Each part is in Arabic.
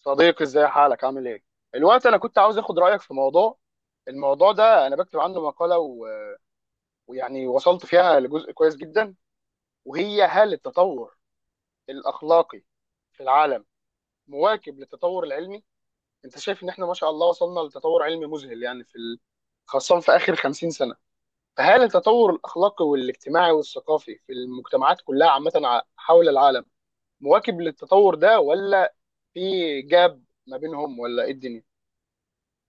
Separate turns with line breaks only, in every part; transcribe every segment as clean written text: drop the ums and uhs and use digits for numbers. صديقي، ازاي حالك؟ عامل ايه الوقت؟ انا كنت عاوز اخد رايك في موضوع. الموضوع ده انا بكتب عنه مقاله ويعني وصلت فيها لجزء كويس جدا. وهي، هل التطور الاخلاقي في العالم مواكب للتطور العلمي؟ انت شايف ان احنا ما شاء الله وصلنا لتطور علمي مذهل، يعني في خاصه في اخر 50 سنه. فهل التطور الاخلاقي والاجتماعي والثقافي في المجتمعات كلها عامه حول العالم مواكب للتطور ده، ولا في جاب ما بينهم، ولا ايه الدنيا؟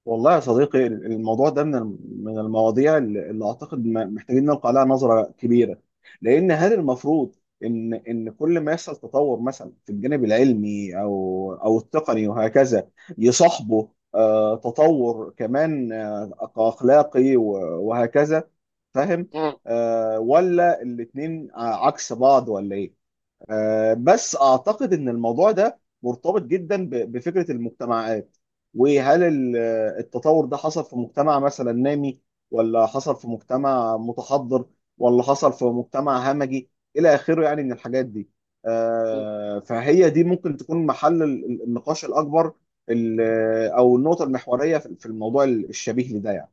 والله يا صديقي، الموضوع ده من المواضيع اللي اعتقد محتاجين نلقى عليها نظره كبيره. لان هل المفروض ان كل ما يحصل تطور مثلا في الجانب العلمي او التقني وهكذا، يصاحبه تطور كمان اخلاقي وهكذا؟ فاهم؟ ولا الاتنين عكس بعض ولا ايه؟ بس اعتقد ان الموضوع ده مرتبط جدا بفكره المجتمعات. وهل ال- التطور ده حصل في مجتمع مثلا نامي، ولا حصل في مجتمع متحضر، ولا حصل في مجتمع همجي، الى اخره يعني من الحاجات دي.
مم.
فهي دي ممكن تكون محل النقاش الاكبر، ال- او النقطه المحوريه في الموضوع الشبيه لده يعني.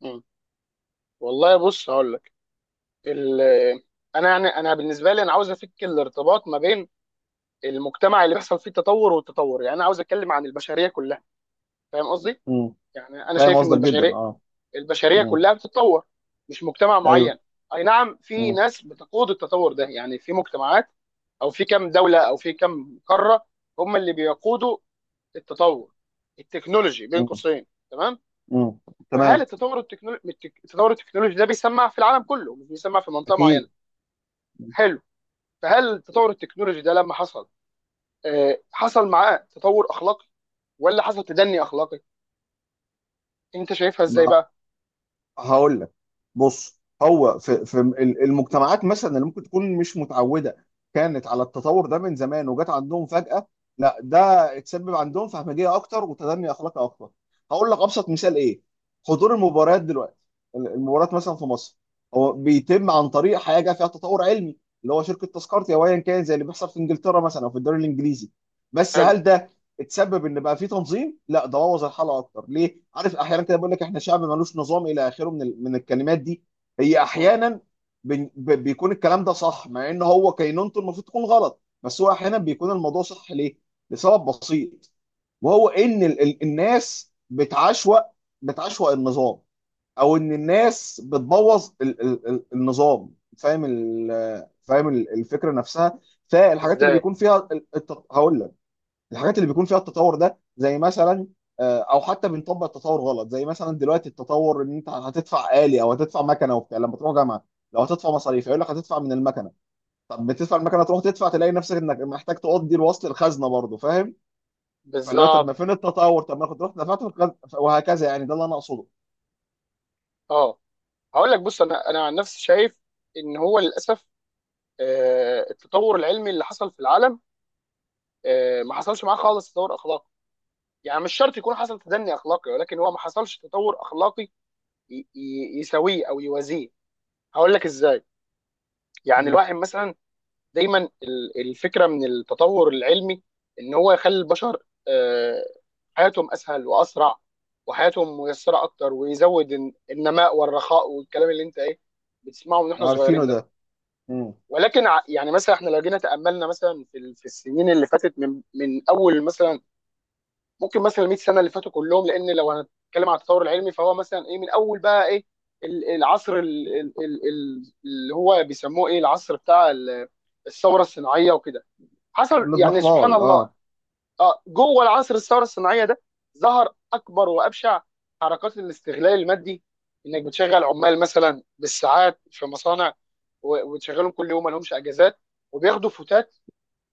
مم. والله بص، هقول لك ال... انا، يعني انا بالنسبه لي، انا عاوز افك الارتباط ما بين المجتمع اللي بيحصل فيه التطور والتطور. يعني انا عاوز اتكلم عن البشريه كلها. فاهم قصدي؟
مم.
يعني انا
فاهم
شايف ان
قصدك جدا،
البشريه
اه.
البشريه
مم.
كلها بتتطور. مش مجتمع معين.
ايوه.
اي نعم، في
مم.
ناس بتقود التطور ده، يعني في مجتمعات، او في كم دوله، او في كم قاره، هم اللي بيقودوا التطور التكنولوجي بين
مم.
قوسين. تمام.
مم.
فهل
تمام.
التطور التكنولوجي ده بيسمع في العالم كله، مش بيسمع في منطقه معينه.
اكيد.
حلو. فهل تطور التكنولوجي ده لما حصل، حصل معاه تطور اخلاقي ولا حصل تدني اخلاقي؟ انت شايفها ازاي
ما
بقى؟
هقول لك، بص، هو في المجتمعات مثلا اللي ممكن تكون مش متعوده كانت على التطور ده من زمان وجات عندهم فجاه، لا ده اتسبب عندهم في همجيه اكتر وتدني اخلاقي اكتر. هقول لك ابسط مثال ايه: حضور المباريات دلوقتي. المباريات مثلا في مصر هو بيتم عن طريق حاجه فيها تطور علمي، اللي هو شركه تذكرتي او ايا كان، زي اللي بيحصل في انجلترا مثلا او في الدوري الانجليزي. بس
حلو.
هل ده اتسبب ان بقى في تنظيم؟ لا، ده بوظ الحلقه اكتر. ليه عارف؟ احيانا كده بقول لك احنا شعب ملوش نظام الى اخره من الكلمات دي. هي
مم.
احيانا بيكون الكلام ده صح، مع ان هو كينونته المفروض تكون غلط، بس هو احيانا بيكون الموضوع صح. ليه؟ لسبب بسيط، وهو ان الناس بتعشوأ، بتعشوأ النظام، او ان الناس بتبوظ النظام. فاهم فاهم الفكره نفسها. فالحاجات اللي
ازاي؟
بيكون فيها هقول لك، الحاجات اللي بيكون فيها التطور ده، زي مثلا او حتى بنطبق التطور غلط، زي مثلا دلوقتي التطور ان انت هتدفع آلي او هتدفع مكنه وبتاع لما تروح جامعه. لو هتدفع مصاريف يقول لك هتدفع من المكنه، طب بتدفع المكنه تروح تدفع تلاقي نفسك انك محتاج تقضي الوصل الخزنه برضه. فاهم؟ فاللي هو طب
بالظبط.
ما فين التطور؟ طب ما كنت رحت دفعت في الخزنه وهكذا، يعني ده اللي انا اقصده.
اه. هقول لك، بص، انا عن نفسي شايف ان هو للاسف، التطور العلمي اللي حصل في العالم، ما حصلش معاه خالص تطور اخلاقي. يعني مش شرط يكون حصل تدني اخلاقي، ولكن هو ما حصلش تطور اخلاقي يساويه او يوازيه. هقول لك ازاي. يعني
مم.
الواحد مثلا، دايما الفكره من التطور العلمي ان هو يخلي البشر حياتهم اسهل واسرع، وحياتهم ميسره اكتر، ويزود النماء والرخاء والكلام اللي انت ايه بتسمعه من احنا
عارفينه
صغيرين ده.
ده. مم.
ولكن يعني مثلا احنا لو جينا تاملنا مثلا في في السنين اللي فاتت من اول مثلا ممكن مثلا 100 سنه اللي فاتوا كلهم، لان لو هنتكلم على التطور العلمي فهو مثلا ايه، من اول بقى ايه، العصر اللي هو بيسموه ايه، العصر بتاع الثوره الصناعيه وكده. حصل، يعني سبحان
الاضمحلال، اه.
الله. جوه العصر الثوره الصناعيه ده، ظهر اكبر وابشع حركات الاستغلال المادي. انك بتشغل عمال مثلا بالساعات في مصانع، وتشغلهم كل يوم ما لهمش اجازات، وبياخدوا فتات.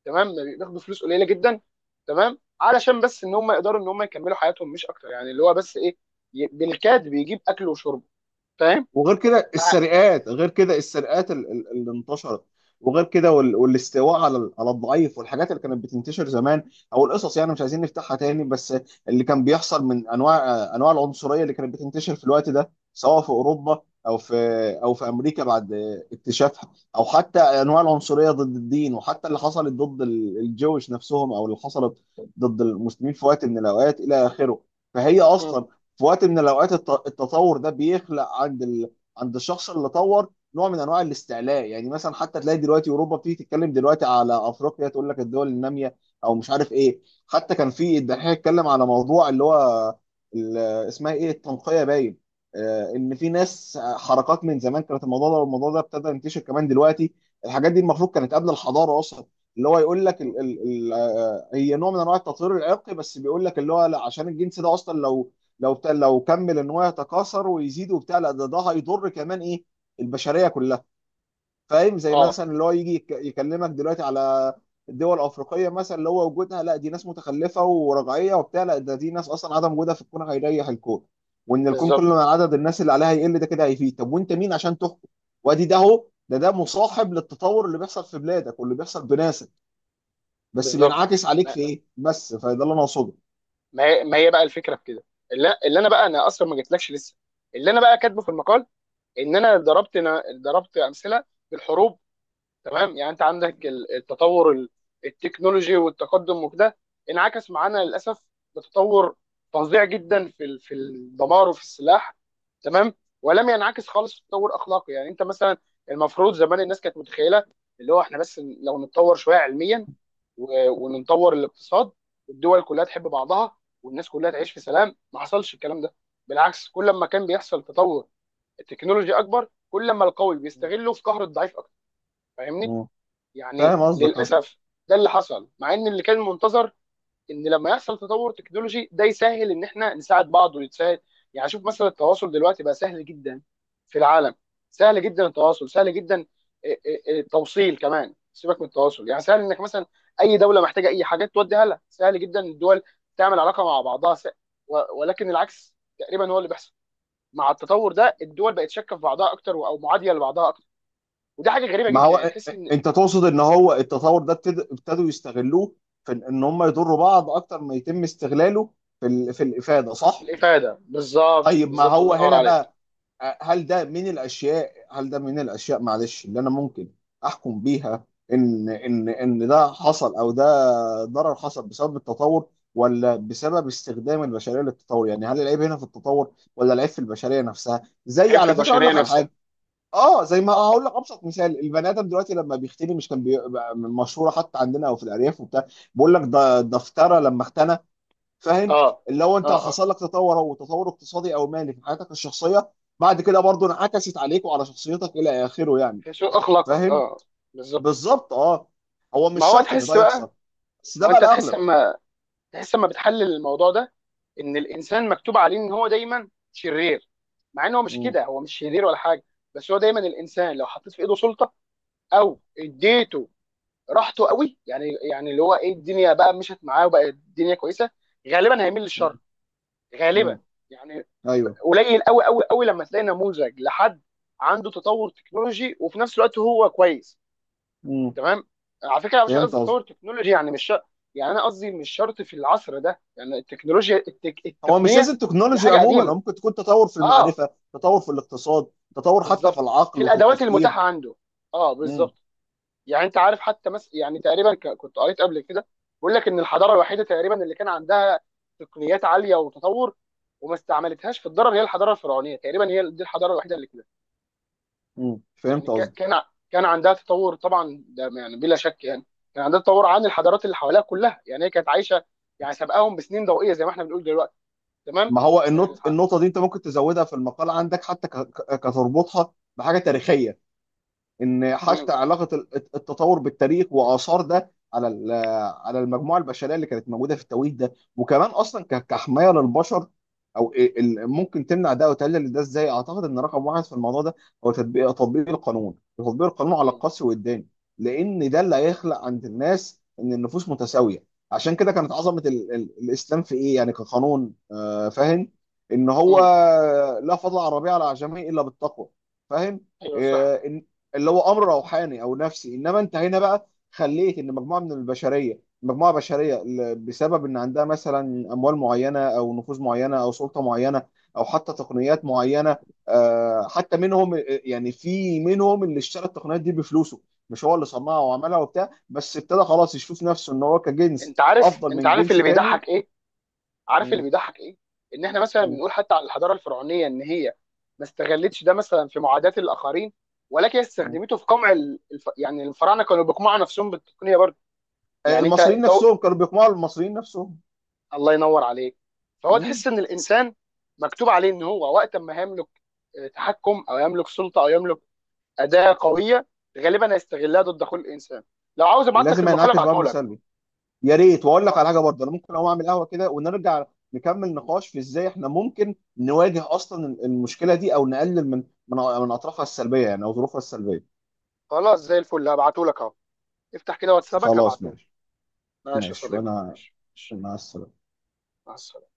تمام. بياخدوا فلوس قليله جدا. تمام، علشان بس ان هم يقدروا ان هم يكملوا حياتهم، مش اكتر، يعني اللي هو بس ايه، بالكاد بيجيب اكل وشرب. فاهم؟
وغير كده
مع-
السرقات، غير كده السرقات اللي انتشرت، وغير كده والاستواء على على الضعيف، والحاجات اللي كانت بتنتشر زمان، او القصص يعني مش عايزين نفتحها تاني، بس اللي كان بيحصل من انواع، انواع العنصريه اللي كانت بتنتشر في الوقت ده، سواء في اوروبا، او في، او في امريكا بعد اكتشافها، او حتى انواع العنصريه ضد الدين، وحتى اللي حصلت ضد الجويش نفسهم، او اللي حصلت ضد المسلمين في وقت من الاوقات الى اخره. فهي
مم.
اصلا في وقت من الاوقات التطور ده بيخلق عند ال، عند الشخص اللي طور نوع من انواع الاستعلاء. يعني مثلا حتى تلاقي دلوقتي اوروبا بتيجي تتكلم دلوقتي على افريقيا، تقول لك الدول الناميه او مش عارف ايه. حتى كان في الدحيح اتكلم على موضوع اللي هو ال- اسمها ايه، التنقيه، باين. ان في ناس، حركات من زمان كانت الموضوع ده، والموضوع ده ابتدى ينتشر كمان دلوقتي. الحاجات دي المفروض كانت قبل الحضاره اصلا، اللي هو يقول لك ال
مم.
ال ال هي نوع من انواع التطهير العرقي، بس بيقول لك اللي هو لا، عشان الجنس ده اصلا لو، لو كمل ان هو يتكاثر ويزيد وبتاع، لا ده، ده هيضر كمان ايه، البشريه كلها. فاهم؟ زي
اه.
مثلا اللي هو يجي يكلمك دلوقتي على الدول الافريقيه مثلا، اللي هو وجودها، لا دي ناس متخلفه ورجعيه وبتاع، لا ده دي ناس اصلا عدم وجودها في الكون هيريح الكون، وان الكون كل
بالظبط،
ما عدد الناس اللي عليها يقل ده كده هيفيد. طب وانت مين عشان تحكم؟ وادي ده اهو، ده مصاحب للتطور اللي بيحصل في بلادك واللي بيحصل بناسك، بس
بالظبط.
بينعكس عليك في ايه بس. فده اللي انا اقصده.
ما هي بقى الفكره في كده. اللي انا بقى، انا اصلا ما جيتلكش لسه، اللي انا بقى كاتبه في المقال ان انا ضربت امثله بالحروب. تمام، يعني انت عندك التطور التكنولوجي والتقدم وكده، انعكس معانا للاسف بتطور فظيع جدا في في الدمار وفي السلاح. تمام. ولم ينعكس خالص في تطور اخلاقي. يعني انت مثلا، المفروض زمان الناس كانت متخيله اللي هو احنا بس لو نتطور شويه علميا، ونطور الاقتصاد، والدول كلها تحب بعضها، والناس كلها تعيش في سلام. ما حصلش الكلام ده. بالعكس، كل ما كان بيحصل تطور التكنولوجي اكبر، كل ما القوي بيستغله في قهر الضعيف اكتر. فاهمني؟
مم.
يعني
فاهم قصدك.
للاسف، ده اللي حصل، مع ان اللي كان منتظر ان لما يحصل تطور تكنولوجي ده يسهل ان احنا نساعد بعض ويتساعد. يعني شوف مثلا، التواصل دلوقتي بقى سهل جدا في العالم. سهل جدا التواصل، سهل جدا. إيه، إيه، إيه، التوصيل كمان، سيبك من التواصل، يعني سهل انك مثلا اي دوله محتاجه اي حاجات توديها لها، سهل جدا الدول تعمل علاقه مع بعضها ولكن العكس تقريبا هو اللي بيحصل مع التطور ده. الدول بقت شاكه في بعضها اكتر او معاديه لبعضها اكتر. ودي حاجه غريبه
ما
جدا،
هو
يعني تحس ان...
انت تقصد ان هو التطور ده ابتدوا يستغلوه في ان إن هم يضروا بعض اكتر ما يتم استغلاله في في الافاده، صح؟
الافاده، بالظبط،
طيب ما
بالظبط، الله
هو
ينور
هنا
عليك.
بقى، هل ده من الاشياء، هل ده من الاشياء، معلش، اللي انا ممكن احكم بيها ان ان ده حصل، او ده ضرر حصل بسبب التطور ولا بسبب استخدام البشريه للتطور؟ يعني هل العيب هنا في التطور ولا العيب في البشريه نفسها؟ زي،
العيب في
على فكره، اقول
البشريه
لك على
نفسها.
حاجه. اه، زي ما هقول لك ابسط مثال: البني ادم دلوقتي لما بيختني مش كان بي... مشهوره حتى عندنا او في الارياف وبتاع، بيقول لك ده دفتره لما اختنى. فاهم؟
اه،
اللي هو انت
اه، اه.
حصل لك تطور، او تطور اقتصادي او مالي في حياتك الشخصيه، بعد كده برضه انعكست عليك وعلى شخصيتك الى اخره يعني.
سوء اخلاقك.
فاهم؟
اه، بالظبط.
بالظبط، اه. هو
ما
مش
هو
شرط ان ده
تحس بقى
يحصل، بس
ما
ده
هو
بقى
انت تحس
الاغلب.
اما بتحلل الموضوع ده، ان الانسان مكتوب عليه ان هو دايما شرير. مع ان هو مش
مم.
كده، هو مش شرير ولا حاجه. بس هو دايما الانسان لو حطيت في ايده سلطه، او اديته راحته قوي، يعني اللي هو ايه، الدنيا بقى مشت معاه وبقى الدنيا كويسه، غالبا هيميل
مم.
للشر. غالبا.
مم.
يعني
ايوه.
قليل قوي قوي قوي لما تلاقي نموذج لحد عنده تطور تكنولوجي وفي نفس الوقت هو كويس.
مم.
تمام. على فكره، أنا مش
فهمت.
قصدي تطور تكنولوجي، يعني مش شرط. يعني انا قصدي مش شرط في العصر ده يعني التكنولوجيا
هو مش
التقنيه.
لازم
دي
تكنولوجي
حاجه
عموما،
قديمه.
هو ممكن تكون تطور في
اه،
المعرفة، تطور في الاقتصاد، تطور حتى في
بالظبط. في
العقل وفي
الادوات
التفكير.
المتاحه عنده. اه،
امم
بالظبط. يعني انت عارف حتى يعني تقريبا كنت قريت قبل كده، بيقول لك ان الحضاره الوحيده تقريبا اللي كان عندها تقنيات عاليه وتطور، وما استعملتهاش في الضرر، هي الحضاره الفرعونيه. تقريبا هي دي الحضاره الوحيده اللي،
فهمت
يعني كا-
قصدي.
كان ع- كان عندها تطور، طبعا ده يعني بلا شك، يعني كان عندها تطور عن الحضارات اللي حواليها كلها، يعني هي كانت عايشه، يعني سابقاهم بسنين ضوئيه زي ما احنا بنقول دلوقتي. تمام.
ما هو
الح-
النقطة دي انت ممكن تزودها في المقال عندك، حتى كتربطها بحاجة تاريخية، ان حتى
مم.
علاقه التطور بالتاريخ واثار ده على على المجموعه البشريه اللي كانت موجوده في التوقيت ده، وكمان اصلا كحمايه للبشر. او إيه ممكن تمنع ده وتقلل ده ازاي؟ اعتقد ان رقم واحد في الموضوع ده هو تطبيق، تطبيق القانون، تطبيق القانون على
مم.
القسري والداني. لان ده اللي هيخلق عند الناس ان النفوس متساويه. عشان كده كانت عظمه ال ال الاسلام في ايه يعني كقانون، آه، فاهم، ان هو
مم.
لا فضل على الربيع على العجمي الا بالتقوى. فاهم؟
ايوه، صح.
آه، اللي هو امر روحاني او نفسي. انما انت هنا بقى خليت ان مجموعه من البشريه، مجموعه بشريه، بسبب ان عندها مثلا اموال معينه او نفوذ معينه او سلطه معينه، او حتى تقنيات معينه، حتى منهم يعني، في منهم اللي اشترى التقنيات دي بفلوسه، مش هو اللي صنعها وعملها وبتاع، بس ابتدى خلاص يشوف نفسه ان هو كجنس
انت عارف
افضل
انت
من
عارف
جنس
اللي
تاني.
بيضحك ايه، عارف اللي
م-
بيضحك ايه، ان احنا مثلا
م-
بنقول حتى على الحضاره الفرعونيه ان هي ما استغلتش ده مثلا في معاداه الاخرين، ولكن هي
م.
استخدمته في قمع يعني الفراعنه كانوا بيقمعوا نفسهم بالتقنيه برضه. يعني انت،
المصريين نفسهم كانوا بيقمعوا المصريين نفسهم.
الله ينور عليك. فهو
م.
تحس ان الانسان مكتوب عليه ان هو وقت ما هيملك تحكم، او يملك سلطه، او يملك اداه قويه، غالبا هيستغلها ضد كل انسان. لو عاوز ابعت لك
لازم
المقال
ينعكس
ابعته
بأمر
لك.
سلبي. يا ريت، واقول لك على حاجه برضه. انا ممكن اقوم اعمل قهوه كده ونرجع نكمل نقاش في ازاي احنا ممكن نواجه اصلا المشكله دي، او نقلل من من اطرافها السلبيه يعني، او ظروفها السلبيه.
خلاص، زي الفل، هبعته لك اهو. افتح كده واتسابك
خلاص
هبعته لك.
ماشي.
ماشي يا
ماشي.
صديقي،
وانا
ماشي، ماشي.
مع السلامه.
مع السلامه.